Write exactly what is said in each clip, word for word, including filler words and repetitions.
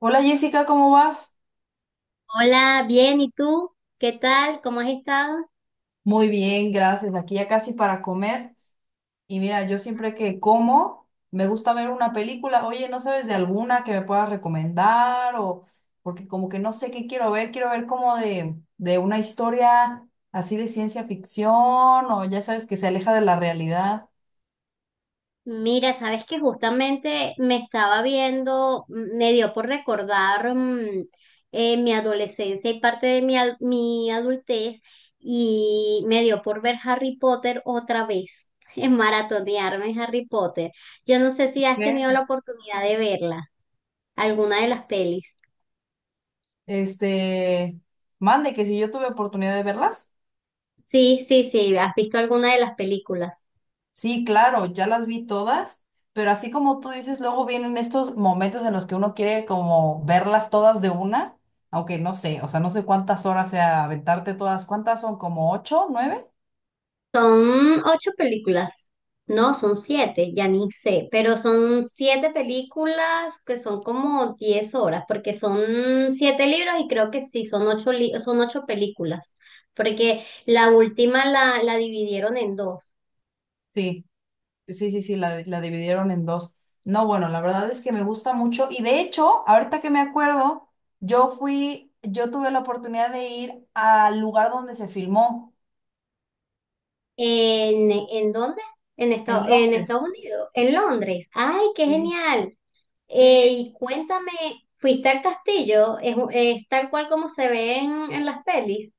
Hola Jessica, ¿cómo vas? Hola, bien, ¿y tú? ¿Qué tal? ¿Cómo has estado? Muy bien, gracias. Aquí ya casi para comer. Y mira, yo siempre que como, me gusta ver una película. Oye, ¿no sabes de alguna que me puedas recomendar? O porque como que no sé qué quiero ver, quiero ver como de, de una historia así de ciencia ficción o ya sabes que se aleja de la realidad. Mira, sabes que justamente me estaba viendo, mm, me dio por recordar mm, eh, mi adolescencia y parte de mi, al- mi adultez y me dio por ver Harry Potter otra vez, en maratonearme en Harry Potter. Yo no sé si has ¿Qué? tenido la oportunidad de verla, alguna de las pelis. Este, Mande que si yo tuve oportunidad de verlas. Sí, sí, sí, ¿has visto alguna de las películas? Sí, claro, ya las vi todas, pero así como tú dices, luego vienen estos momentos en los que uno quiere como verlas todas de una, aunque no sé, o sea, no sé cuántas horas sea aventarte todas, ¿cuántas son? ¿Como ocho, nueve? Son ocho películas, no, son siete, ya ni sé, pero son siete películas que son como diez horas, porque son siete libros y creo que sí, son ocho, li- son ocho películas, porque la última la, la dividieron en dos. Sí, sí, sí, sí, la, la dividieron en dos. No, bueno, la verdad es que me gusta mucho y de hecho, ahorita que me acuerdo, yo fui, yo tuve la oportunidad de ir al lugar donde se filmó, ¿En, en dónde? En, en Estados en Londres. Estados Unidos, en Londres. ¡Ay, qué Sí, genial! Eh, sí, Y cuéntame, ¿fuiste al castillo? ¿Es, es tal cual como se ve en en las pelis?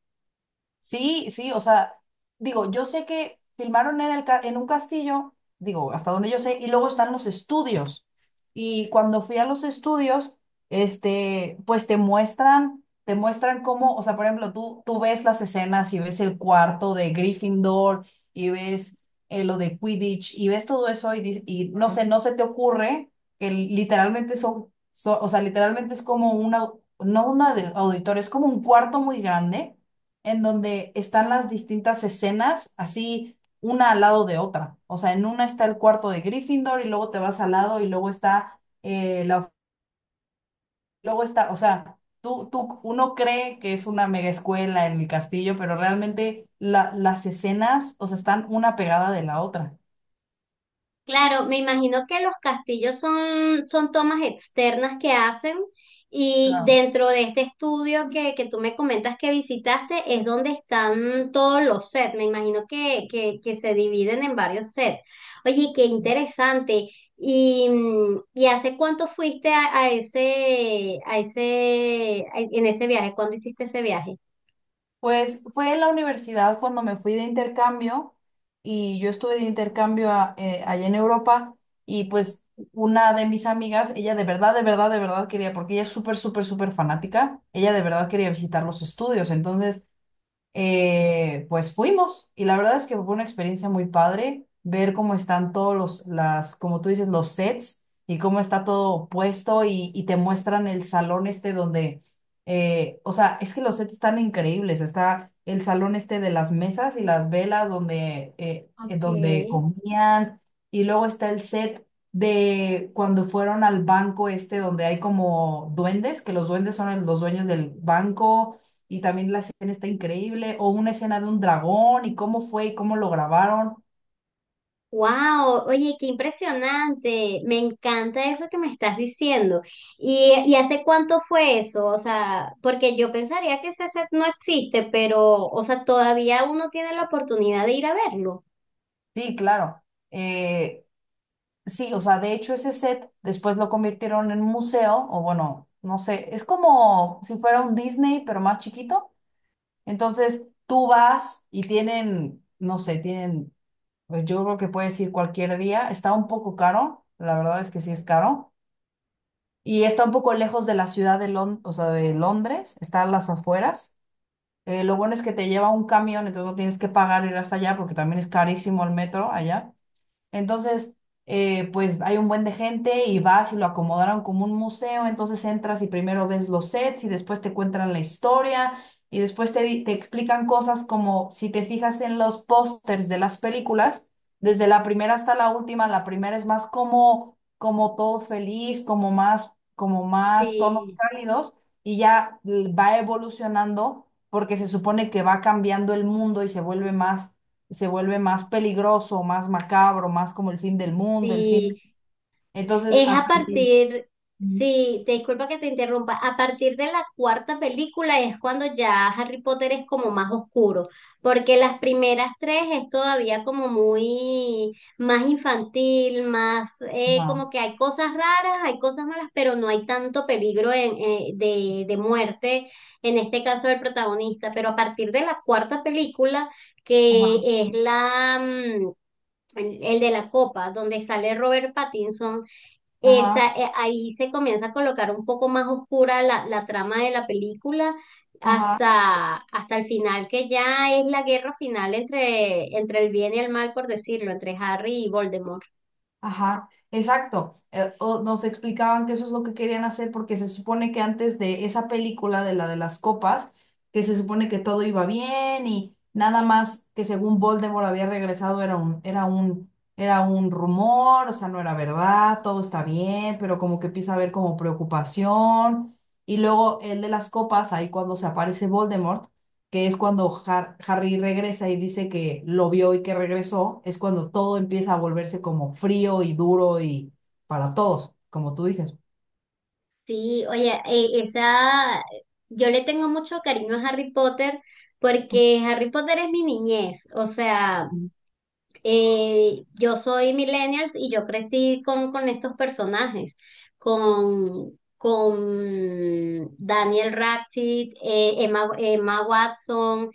sí, sí, o sea, digo, yo sé que filmaron en el ca- en un castillo, digo, hasta donde yo sé, y luego están los estudios. Y cuando fui a los estudios, este, pues te muestran, te muestran cómo, o sea, por ejemplo, tú, tú ves las escenas y ves el cuarto de Gryffindor y ves eh, lo de Quidditch y ves todo eso y, di- y no sé, no se te ocurre que literalmente son, son- o sea, literalmente es como una, no una de auditorio, es como un cuarto muy grande en donde están las distintas escenas así una al lado de otra. O sea, en una está el cuarto de Gryffindor y luego te vas al lado y luego está eh, la, of- luego está, o sea, tú, tú, uno cree que es una mega escuela en el castillo, pero realmente la- las escenas, o sea, están una pegada de la otra. Claro, me imagino que los castillos son, son tomas externas que hacen y dentro de este estudio que, que tú me comentas que visitaste es donde están todos los sets. Me imagino que, que, que se dividen en varios sets. Oye, qué interesante. ¿Y, mm, ¿y hace cuánto fuiste a, a ese, a ese, a- en ese viaje? ¿Cuándo hiciste ese viaje? Pues fue en la universidad cuando me fui de intercambio y yo estuve de intercambio a- eh, allá en Europa y pues una de mis amigas, ella de verdad, de verdad, de verdad quería, porque ella es súper, súper, súper fanática, ella de verdad quería visitar los estudios. Entonces eh, pues fuimos y la verdad es que fue una experiencia muy padre ver cómo están todos los, las, como tú dices, los sets y cómo está todo puesto y, y te muestran el salón este donde, eh, o sea, es que los sets están increíbles, está el salón este de las mesas y las velas donde, eh, eh, Ok. donde comían y luego está el set de cuando fueron al banco este donde hay como duendes, que los duendes son el- los dueños del banco y también la escena está increíble, o una escena de un dragón y cómo fue y cómo lo grabaron. Wow, oye, qué impresionante. Me encanta eso que me estás diciendo. ¿Y, y hace cuánto fue eso? O sea, porque yo pensaría que ese set no existe, pero, o sea, todavía uno tiene la oportunidad de ir a verlo. Sí, claro. Eh, sí, o sea, de hecho ese set después lo convirtieron en un museo, o bueno, no sé, es como si fuera un Disney, pero más chiquito. Entonces tú vas y tienen, no sé, tienen, pues, yo creo que puedes ir cualquier día, está un poco caro, la verdad es que sí es caro. Y está un poco lejos de la ciudad de Lon- o sea, de Londres, está a las afueras. Eh, lo bueno es que te lleva un camión, entonces no tienes que pagar ir hasta allá porque también es carísimo el metro allá. Entonces, eh, pues hay un buen de gente y vas y lo acomodaron como un museo, entonces entras y primero ves los sets y después te cuentan la historia y después te, di- te explican cosas como si te fijas en los pósters de las películas, desde la primera hasta la última, la primera es más como, como todo feliz, como más, como más tonos Sí, cálidos y ya l- va evolucionando porque se supone que va cambiando el mundo y se vuelve más se vuelve más peligroso, más macabro, más como el fin del mundo, el fin. sí. Entonces, Es a hasta el fin. partir, sí, te disculpa que te interrumpa, a partir de la cuarta película es cuando ya Harry Potter es como más oscuro, porque las primeras tres es todavía como muy más infantil, más eh, Ajá, como que hay cosas raras, hay cosas malas, pero no hay tanto peligro en- eh, de, de muerte, en este caso del protagonista, pero a partir de la cuarta película, ajá, que es la... mm, El, el de la copa, donde sale Robert Pattinson, ajá, esa, eh, ahí se comienza a colocar un poco más oscura la, la trama de la película ajá. hasta, hasta el final, que ya es la guerra final entre, entre el bien y el mal, por decirlo, entre Harry y Voldemort. Ajá, exacto. Eh, o nos explicaban que eso es lo que querían hacer porque se supone que antes de esa película de la de las copas, que se supone que todo iba bien y nada más que según Voldemort había regresado era un, era un, era un rumor, o sea, no era verdad, todo está bien, pero como que empieza a haber como preocupación. Y luego el de las copas, ahí cuando se aparece Voldemort que es cuando Har- Harry regresa y dice que lo vio y que regresó, es cuando todo empieza a volverse como frío y duro y para todos, como tú dices. Sí, oye, eh, esa, yo le tengo mucho cariño a Harry Potter porque Harry Potter es mi niñez, o sea... eh, yo soy millennials y yo crecí con, con estos personajes, con, con Daniel Radcliffe, eh, Emma, Emma Watson,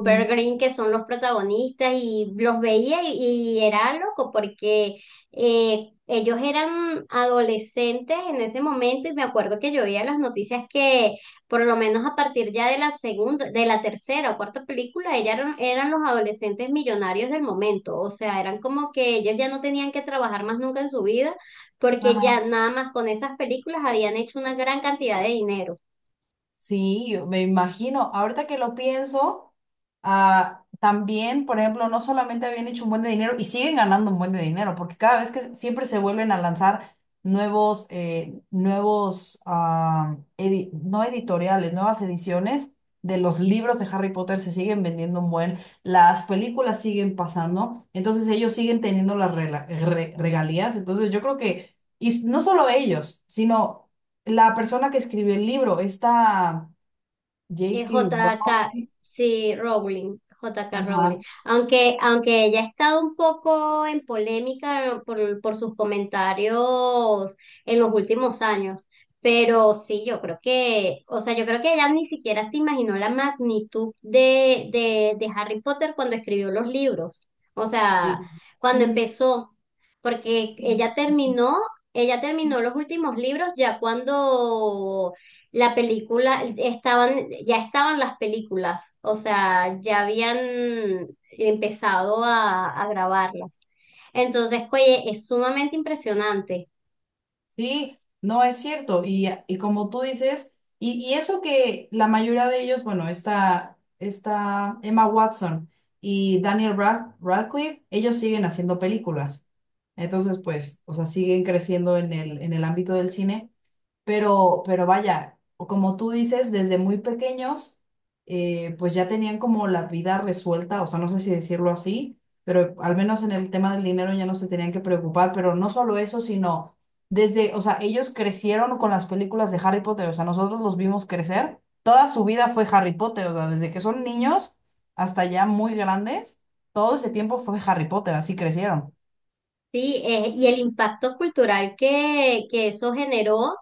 Ujú. Grint, que son los protagonistas, y los veía y, y era loco porque eh, ellos eran adolescentes en ese momento y me acuerdo que yo veía las noticias que por lo menos a partir ya de la segunda, de la tercera o cuarta película, ella eran, eran los adolescentes millonarios del momento, o sea, eran como que ellos ya no tenían que trabajar más nunca en su vida, porque ya nada más con esas películas habían hecho una gran cantidad de dinero. Sí, yo me imagino. Ahorita que lo pienso, ah, también, por ejemplo, no solamente habían hecho un buen de dinero y siguen ganando un buen de dinero, porque cada vez que siempre se vuelven a lanzar nuevos, eh, nuevos, ah, edi- no editoriales, nuevas ediciones de los libros de Harry Potter se siguen vendiendo un buen, las películas siguen pasando, entonces ellos siguen teniendo las rela- re- regalías. Entonces yo creo que, y no solo ellos, sino la persona que escribió el libro, esta eh, jota ka. J K. Rowling, Sí, Rowling, J K. Rowling. ajá, Aunque, aunque ella ha estado un poco en polémica por, por sus comentarios en los últimos años. Pero sí, yo creo que, o sea, yo creo que ella ni siquiera se imaginó la magnitud de, de, de Harry Potter cuando escribió los libros. O sea, sí. cuando Mm, empezó, porque ella terminó, ella terminó los últimos libros ya cuando la película, estaban, ya estaban las películas, o sea, ya habían empezado a, a grabarlas. Entonces, oye, es sumamente impresionante, Sí, no es cierto. Y, y como tú dices, y, y eso que la mayoría de ellos, bueno, está, está Emma Watson y Daniel Rad- Radcliffe, ellos siguen haciendo películas. Entonces, pues, o sea, siguen creciendo en el, en el ámbito del cine. Pero, pero vaya, como tú dices, desde muy pequeños, eh, pues ya tenían como la vida resuelta, o sea, no sé si decirlo así, pero al menos en el tema del dinero ya no se tenían que preocupar, pero no solo eso, sino desde, o sea, ellos crecieron con las películas de Harry Potter, o sea, nosotros los vimos crecer, toda su vida fue Harry Potter, o sea, desde que son niños hasta ya muy grandes, todo ese tiempo fue Harry Potter, así crecieron. ¿sí? Eh, y el impacto cultural que, que eso generó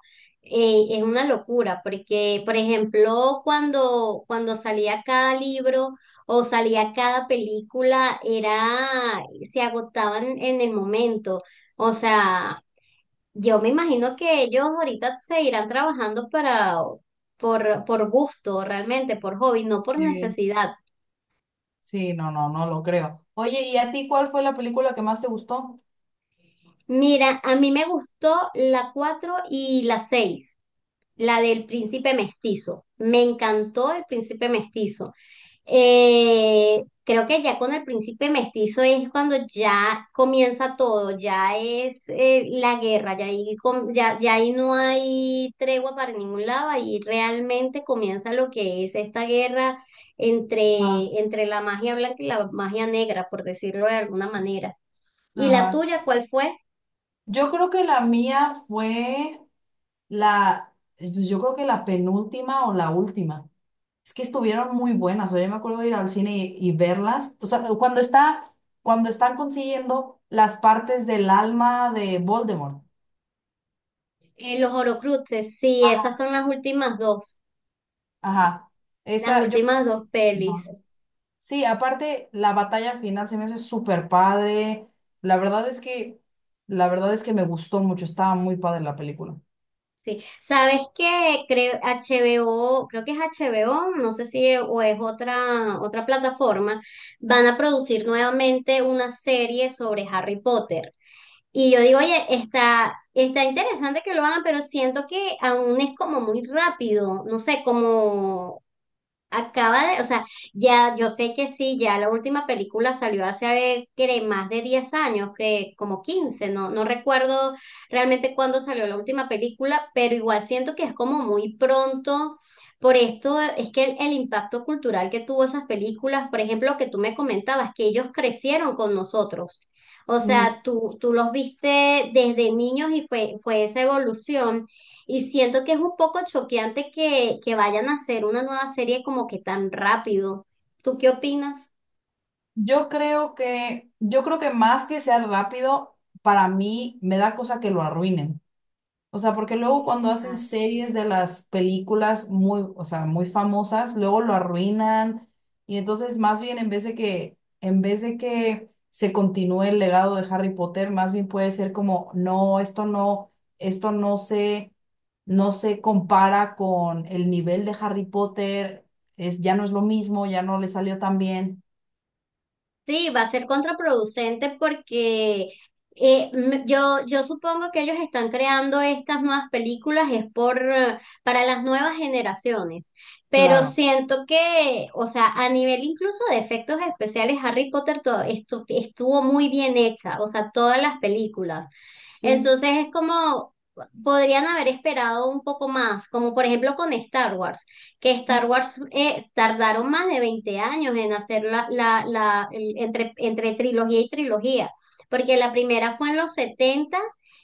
eh, es una locura, porque, por ejemplo, cuando, cuando salía cada libro o salía cada película, era, se agotaban en el momento. O sea, yo me imagino que ellos ahorita se irán trabajando para, por, por gusto, realmente, por hobby, no por Sí, necesidad. sí, no, no, no lo creo. Oye, ¿y a ti cuál fue la película que más te gustó? Mira, a mí me gustó la cuatro y la seis la del príncipe mestizo. Me encantó el príncipe mestizo. Eh, creo que ya con el príncipe mestizo es cuando ya comienza todo, ya es eh, la guerra, ya ahí, com- ya, ya ahí no hay tregua para ningún lado, ahí realmente comienza lo que es esta guerra Ah, entre, entre la magia blanca y la magia negra, por decirlo de alguna manera. ¿Y la ajá. tuya cuál fue? Yo creo que la mía fue la, pues yo creo que la penúltima o la última. Es que estuvieron muy buenas. O sea, yo me acuerdo de ir al cine y, y verlas. O sea, cuando está, cuando están consiguiendo las partes del alma de Voldemort. Eh, los Horocruxes, sí, esas Ajá. son las últimas dos, Ajá. las Esa, yo. últimas dos pelis. Ajá. Sí, aparte, la batalla final se me hace súper padre. La verdad es que, la verdad es que me gustó mucho. Estaba muy padre la película. Sí, sabes que creo H B O, creo que es H B O, no sé si o es otra otra plataforma, van a producir nuevamente una serie sobre Harry Potter. Y yo digo, oye, está está interesante que lo hagan, pero siento que aún es como muy rápido, no sé, como acaba de, o sea, ya yo sé que sí, ya la última película salió hace, creo, más de diez años, que como quince no, no recuerdo realmente cuándo salió la última película, pero igual siento que es como muy pronto. Por esto es que el, el impacto cultural que tuvo esas películas, por ejemplo, que tú me comentabas, que ellos crecieron con nosotros. O sea, tú, tú los viste desde niños y fue, fue esa evolución. Y siento que es un poco choqueante que, que vayan a hacer una nueva serie como que tan rápido. ¿Tú qué opinas? Yo creo que, yo creo que más que sea rápido, para mí me da cosa que lo arruinen. O sea, porque luego cuando hacen Exacto. series de las películas muy, o sea, muy famosas, luego lo arruinan. Y entonces, más bien, en vez de que, en vez de que se continúe el legado de Harry Potter, más bien puede ser como, no, esto no, esto no se, no se compara con el nivel de Harry Potter, es, ya no es lo mismo, ya no le salió tan bien. Sí, va a ser contraproducente porque eh, m- yo, yo supongo que ellos están creando estas nuevas películas es por, eh, para las nuevas generaciones, pero Claro. siento que, o sea, a nivel incluso de efectos especiales, Harry Potter to- estu- estuvo muy bien hecha, o sea, todas las películas. Sí. Entonces es como, podrían haber esperado un poco más, como por ejemplo con Star Wars, que Mm. Star Wars eh, tardaron más de veinte años en hacer la, la, la- el- entre, entre trilogía y trilogía, porque la primera fue en los setenta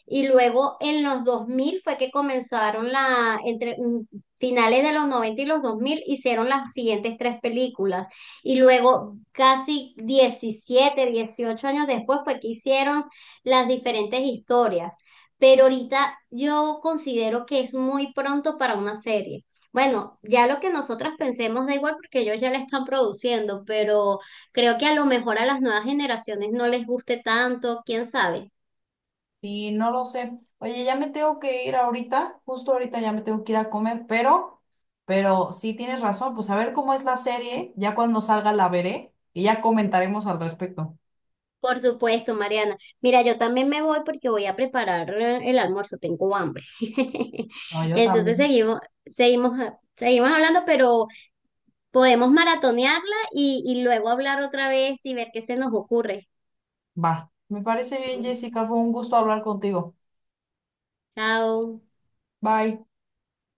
y luego en los dos mil fue que comenzaron la, entre mm, finales de los noventa y los dos mil hicieron las siguientes tres películas. Y luego, casi diecisiete o dieciocho años después, fue que hicieron las diferentes historias, pero ahorita yo considero que es muy pronto para una serie. Bueno, ya lo que nosotras pensemos da igual porque ellos ya la están produciendo, pero creo que a lo mejor a las nuevas generaciones no les guste tanto, quién sabe. Sí, no lo sé. Oye, ya me tengo que ir ahorita, justo ahorita ya me tengo que ir a comer, pero, pero, sí tienes razón, pues a ver cómo es la serie, ya cuando salga la veré y ya comentaremos al respecto. Por supuesto, Mariana. Mira, yo también me voy porque voy a preparar eh, el almuerzo, tengo hambre. No, yo Entonces también. seguimos, seguimos, seguimos hablando, pero podemos maratonearla y, y luego hablar otra vez y ver qué se nos ocurre. Va. Me parece bien, Jessica, fue un gusto hablar contigo. Chao. Bye.